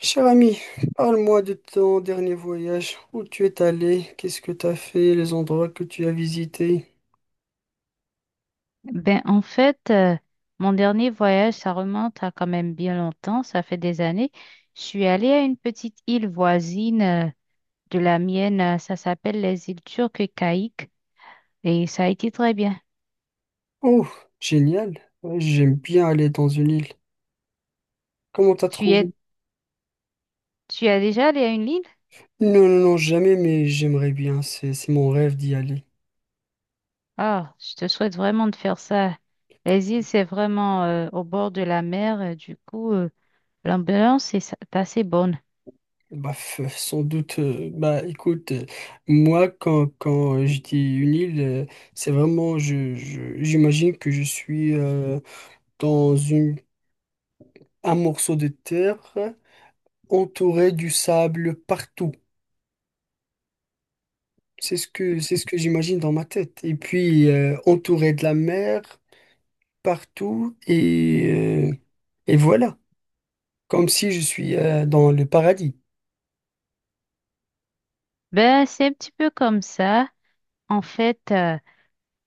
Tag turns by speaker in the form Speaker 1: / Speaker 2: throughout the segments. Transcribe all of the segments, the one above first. Speaker 1: Cher ami, parle-moi de ton dernier voyage. Où tu es allé? Qu'est-ce que tu as fait? Les endroits que tu as visités?
Speaker 2: Ben, en fait, mon dernier voyage, ça remonte à quand même bien longtemps, ça fait des années. Je suis allée à une petite île voisine, de la mienne, ça s'appelle les îles Turques et Caïques, et ça a été très bien.
Speaker 1: Oh, génial. Ouais, j'aime bien aller dans une île. Comment t'as
Speaker 2: Tu y es,
Speaker 1: trouvé?
Speaker 2: tu as déjà allé à une île?
Speaker 1: Non, non, non, jamais, mais j'aimerais bien. C'est mon rêve d'y aller.
Speaker 2: Ah, je te souhaite vraiment de faire ça. Les îles, c'est vraiment au bord de la mer, du coup, l'ambiance est assez bonne.
Speaker 1: Bah, f- sans doute. Bah, écoute, moi, quand je dis une île, c'est vraiment, j'imagine que je suis dans une, un morceau de terre entouré du sable partout. C'est ce que j'imagine dans ma tête. Et puis, entouré de la mer partout, et voilà, comme si je suis dans le paradis.
Speaker 2: Ben, c'est un petit peu comme ça. En fait,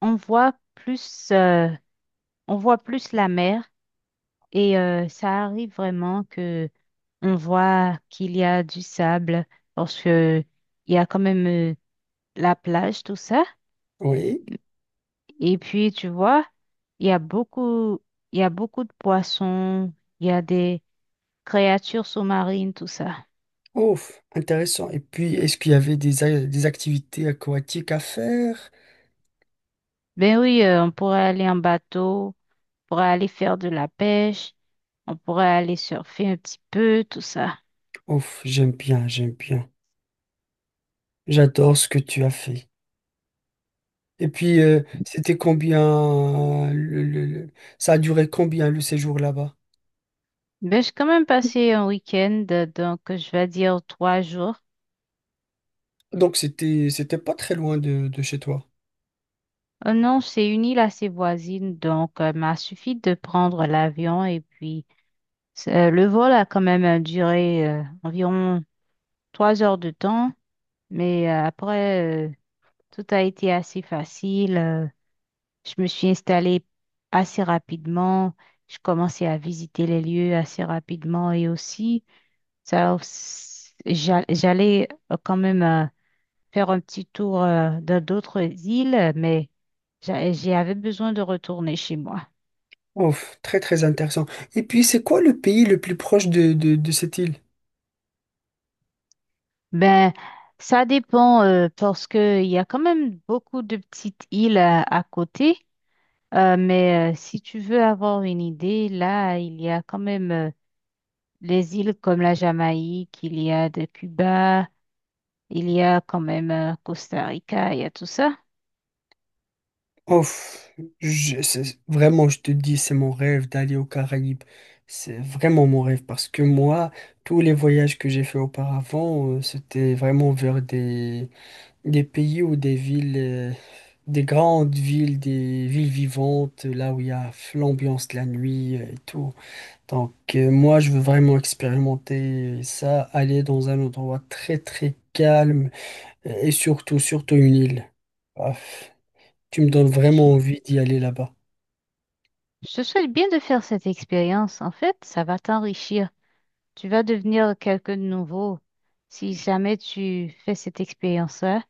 Speaker 2: on voit plus. euh, on voit plus la mer et ça arrive vraiment que on voit qu'il y a du sable parce que il y a quand même la plage, tout ça.
Speaker 1: Oui,
Speaker 2: Et puis tu vois, il y a beaucoup, il y a beaucoup de poissons, il y a des créatures sous-marines, tout ça.
Speaker 1: ouf, intéressant. Et puis, est-ce qu'il y avait des activités aquatiques à faire?
Speaker 2: Ben oui, on pourrait aller en bateau, on pourrait aller faire de la pêche, on pourrait aller surfer un petit peu, tout ça.
Speaker 1: Ouf, j'aime bien, j'aime bien. J'adore ce que tu as fait. Et puis, c'était combien, ça a duré combien le séjour là-bas?
Speaker 2: Ben, j'ai quand même passé un week-end, donc je vais dire 3 jours.
Speaker 1: Donc, c'était pas très loin de chez toi.
Speaker 2: Non, c'est une île assez voisine, donc m'a suffi de prendre l'avion et puis le vol a quand même duré environ 3 heures de temps, mais après tout a été assez facile. Je me suis installée assez rapidement, je commençais à visiter les lieux assez rapidement et aussi j'allais quand même faire un petit tour dans d'autres îles, mais j'avais besoin de retourner chez moi.
Speaker 1: Ouf, très très intéressant. Et puis, c'est quoi le pays le plus proche de cette île?
Speaker 2: Ben, ça dépend, parce que il y a quand même beaucoup de petites îles à côté. Mais si tu veux avoir une idée, là, il y a quand même les îles comme la Jamaïque, il y a de Cuba, il y a quand même Costa Rica, il y a tout ça.
Speaker 1: Ouf, vraiment, je te dis, c'est mon rêve d'aller aux Caraïbes. C'est vraiment mon rêve parce que moi, tous les voyages que j'ai fait auparavant, c'était vraiment vers des pays ou des villes, des grandes villes, des villes vivantes, là où il y a l'ambiance de la nuit et tout. Donc, moi, je veux vraiment expérimenter ça, aller dans un endroit très très calme. Et surtout, surtout une île. Paf. Tu me donnes
Speaker 2: Je
Speaker 1: vraiment envie d'y aller là-bas.
Speaker 2: je te souhaite bien de faire cette expérience. En fait, ça va t'enrichir. Tu vas devenir quelqu'un de nouveau. Si jamais tu fais cette expérience-là,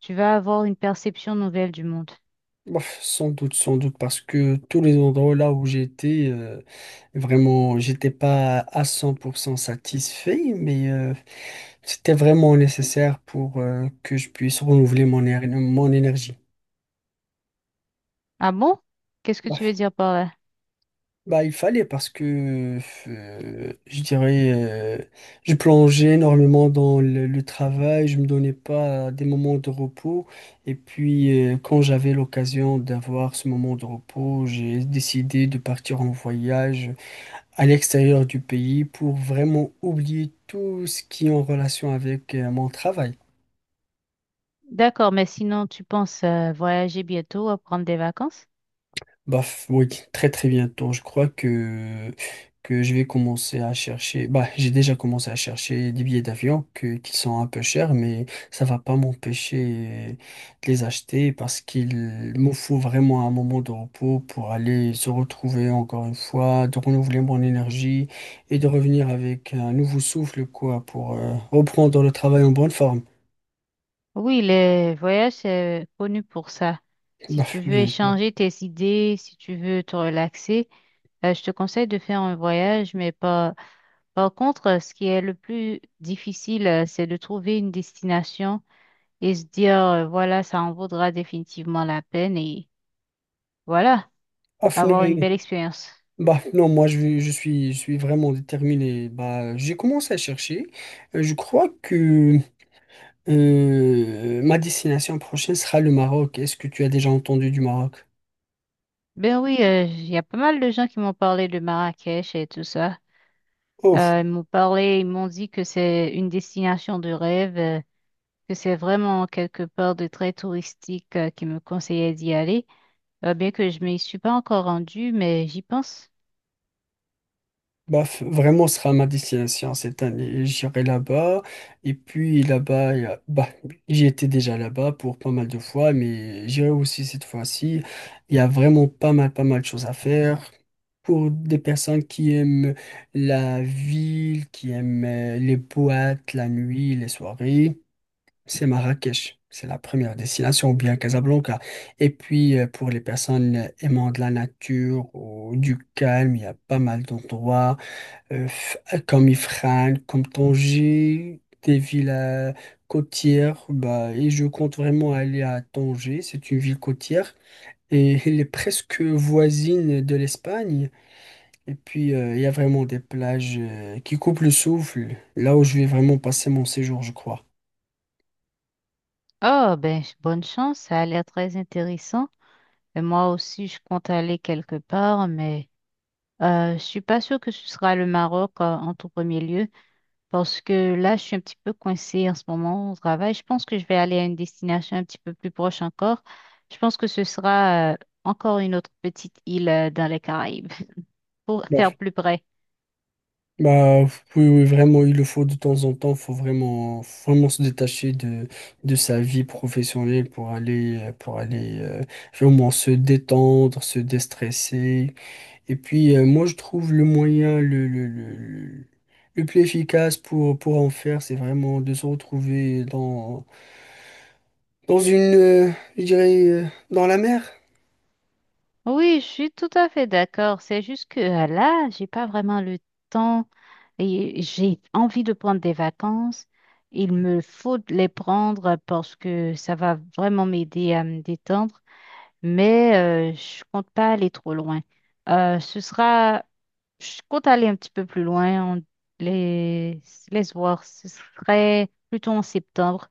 Speaker 2: tu vas avoir une perception nouvelle du monde.
Speaker 1: Bof, sans doute, sans doute, parce que tous les endroits là où j'étais, vraiment, j'étais pas à 100% satisfait, mais c'était vraiment nécessaire pour que je puisse renouveler mon, éner- mon énergie.
Speaker 2: Ah bon? Qu'est-ce que tu veux dire par là?
Speaker 1: Bah, il fallait parce que je dirais, je plongeais énormément dans le travail, je me donnais pas des moments de repos. Et puis, quand j'avais l'occasion d'avoir ce moment de repos, j'ai décidé de partir en voyage à l'extérieur du pays pour vraiment oublier tout ce qui est en relation avec mon travail.
Speaker 2: D'accord, mais sinon, tu penses voyager bientôt, prendre des vacances?
Speaker 1: Bah, f- oui, très très bientôt. Je crois que je vais commencer à chercher. Bah, j'ai déjà commencé à chercher des billets d'avion qui sont un peu chers, mais ça va pas m'empêcher de les acheter parce qu'il me faut vraiment un moment de repos pour aller se retrouver encore une fois, de renouveler mon énergie et de revenir avec un nouveau souffle, quoi, pour reprendre le travail en bonne forme.
Speaker 2: Oui, les voyages, c'est connu pour ça. Si
Speaker 1: Bah,
Speaker 2: tu veux
Speaker 1: bien sûr.
Speaker 2: échanger tes idées, si tu veux te relaxer, je te conseille de faire un voyage, mais par contre, ce qui est le plus difficile, c'est de trouver une destination et se dire, voilà, ça en vaudra définitivement la peine et voilà,
Speaker 1: Ah,
Speaker 2: avoir une belle expérience.
Speaker 1: bah non, je suis vraiment déterminé. Bah, j'ai commencé à chercher. Je crois que ma destination prochaine sera le Maroc. Est-ce que tu as déjà entendu du Maroc?
Speaker 2: Ben oui, il y a pas mal de gens qui m'ont parlé de Marrakech et tout ça. Ils m'ont parlé, ils m'ont dit que c'est une destination de rêve, que c'est vraiment quelque part de très touristique, qui me conseillait d'y aller. Bien que je m'y suis pas encore rendue, mais j'y pense.
Speaker 1: Bah, f- vraiment, ce sera ma destination cette année. J'irai là-bas. Et puis là-bas, il y a- bah, j'y étais déjà là-bas pour pas mal de fois, mais j'irai aussi cette fois-ci. Il y a vraiment pas mal de choses à faire. Pour des personnes qui aiment la ville, qui aiment les boîtes, la nuit, les soirées, c'est Marrakech. C'est la première destination, ou bien Casablanca. Et puis, pour les personnes aimant de la nature ou du calme, il y a pas mal d'endroits euh, f- comme Ifrane, comme Tanger, des villes côtières. Bah, et je compte vraiment aller à Tanger, c'est une ville côtière. Et elle est presque voisine de l'Espagne. Et puis, il y a vraiment des plages qui coupent le souffle, là où je vais vraiment passer mon séjour, je crois.
Speaker 2: Oh, ben, bonne chance, ça a l'air très intéressant. Et moi aussi, je compte aller quelque part, mais je suis pas sûre que ce sera le Maroc, en tout premier lieu. Parce que là, je suis un petit peu coincée en ce moment au travail. Je pense que je vais aller à une destination un petit peu plus proche encore. Je pense que ce sera encore une autre petite île dans les Caraïbes pour faire plus près.
Speaker 1: Bah, oui, oui, vraiment, il le faut de temps en temps. Faut vraiment, faut vraiment se détacher de sa vie professionnelle pour aller vraiment se détendre, se déstresser. Et puis, moi, je trouve le moyen le plus efficace pour en faire, c'est vraiment de se retrouver dans, dans une, je dirais, dans la mer.
Speaker 2: Oui, je suis tout à fait d'accord. C'est juste que là, j'ai pas vraiment le temps et j'ai envie de prendre des vacances. Il me faut de les prendre parce que ça va vraiment m'aider à me détendre, mais je compte pas aller trop loin. Ce sera Je compte aller un petit peu plus loin, on les, les voir, ce serait plutôt en septembre.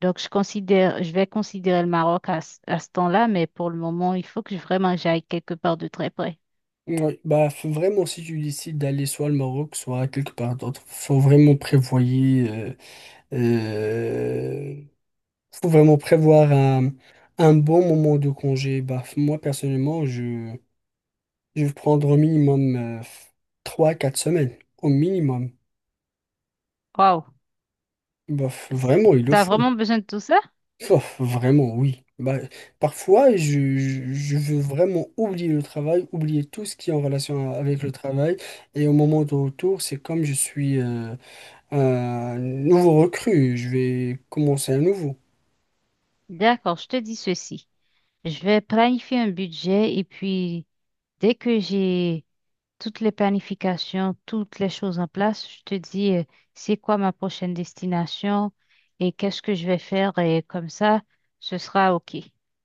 Speaker 2: Donc, je considère, je vais considérer le Maroc à ce temps-là, mais pour le moment, il faut que vraiment j'aille quelque part de très près.
Speaker 1: Ouais, bah faut vraiment si tu décides d'aller soit au Maroc, soit quelque part d'autre, faut vraiment prévoyer Euh, faut vraiment prévoir un bon moment de congé. Bah, moi, personnellement, je vais prendre au minimum 3 quatre semaines. Au minimum.
Speaker 2: Waouh!
Speaker 1: Bah,
Speaker 2: S-
Speaker 1: vraiment, il le
Speaker 2: T'as
Speaker 1: faut.
Speaker 2: vraiment besoin de tout ça?
Speaker 1: Bah, vraiment, oui. Bah, parfois, je veux vraiment oublier le travail, oublier tout ce qui est en relation avec le travail. Et au moment de retour, c'est comme je suis un nouveau recrue. Je vais commencer à nouveau.
Speaker 2: D'accord, je te dis ceci. Je vais planifier un budget et puis dès que j'ai toutes les planifications, toutes les choses en place. Je te dis, c'est quoi ma prochaine destination et qu'est-ce que je vais faire et comme ça, ce sera OK.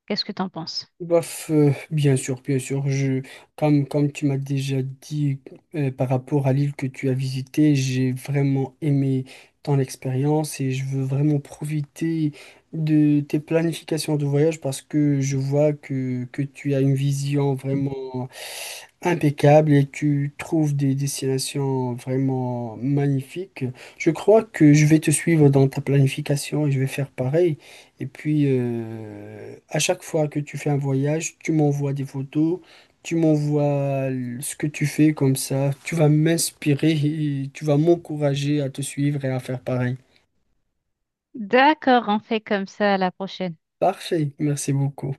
Speaker 2: Qu'est-ce que tu en penses?
Speaker 1: Bof, bien sûr, bien sûr. Je, comme, comme tu m'as déjà dit par rapport à l'île que tu as visitée, j'ai vraiment aimé ton expérience et je veux vraiment profiter de tes planifications de voyage parce que je vois que tu as une vision vraiment impeccable et tu trouves des destinations vraiment magnifiques. Je crois que je vais te suivre dans ta planification et je vais faire pareil. Et puis, à chaque fois que tu fais un voyage, tu m'envoies des photos, ce que tu fais comme ça. Tu vas m'inspirer et tu vas m'encourager à te suivre et à faire pareil.
Speaker 2: D'accord, on fait comme ça à la prochaine.
Speaker 1: Parfait, merci beaucoup.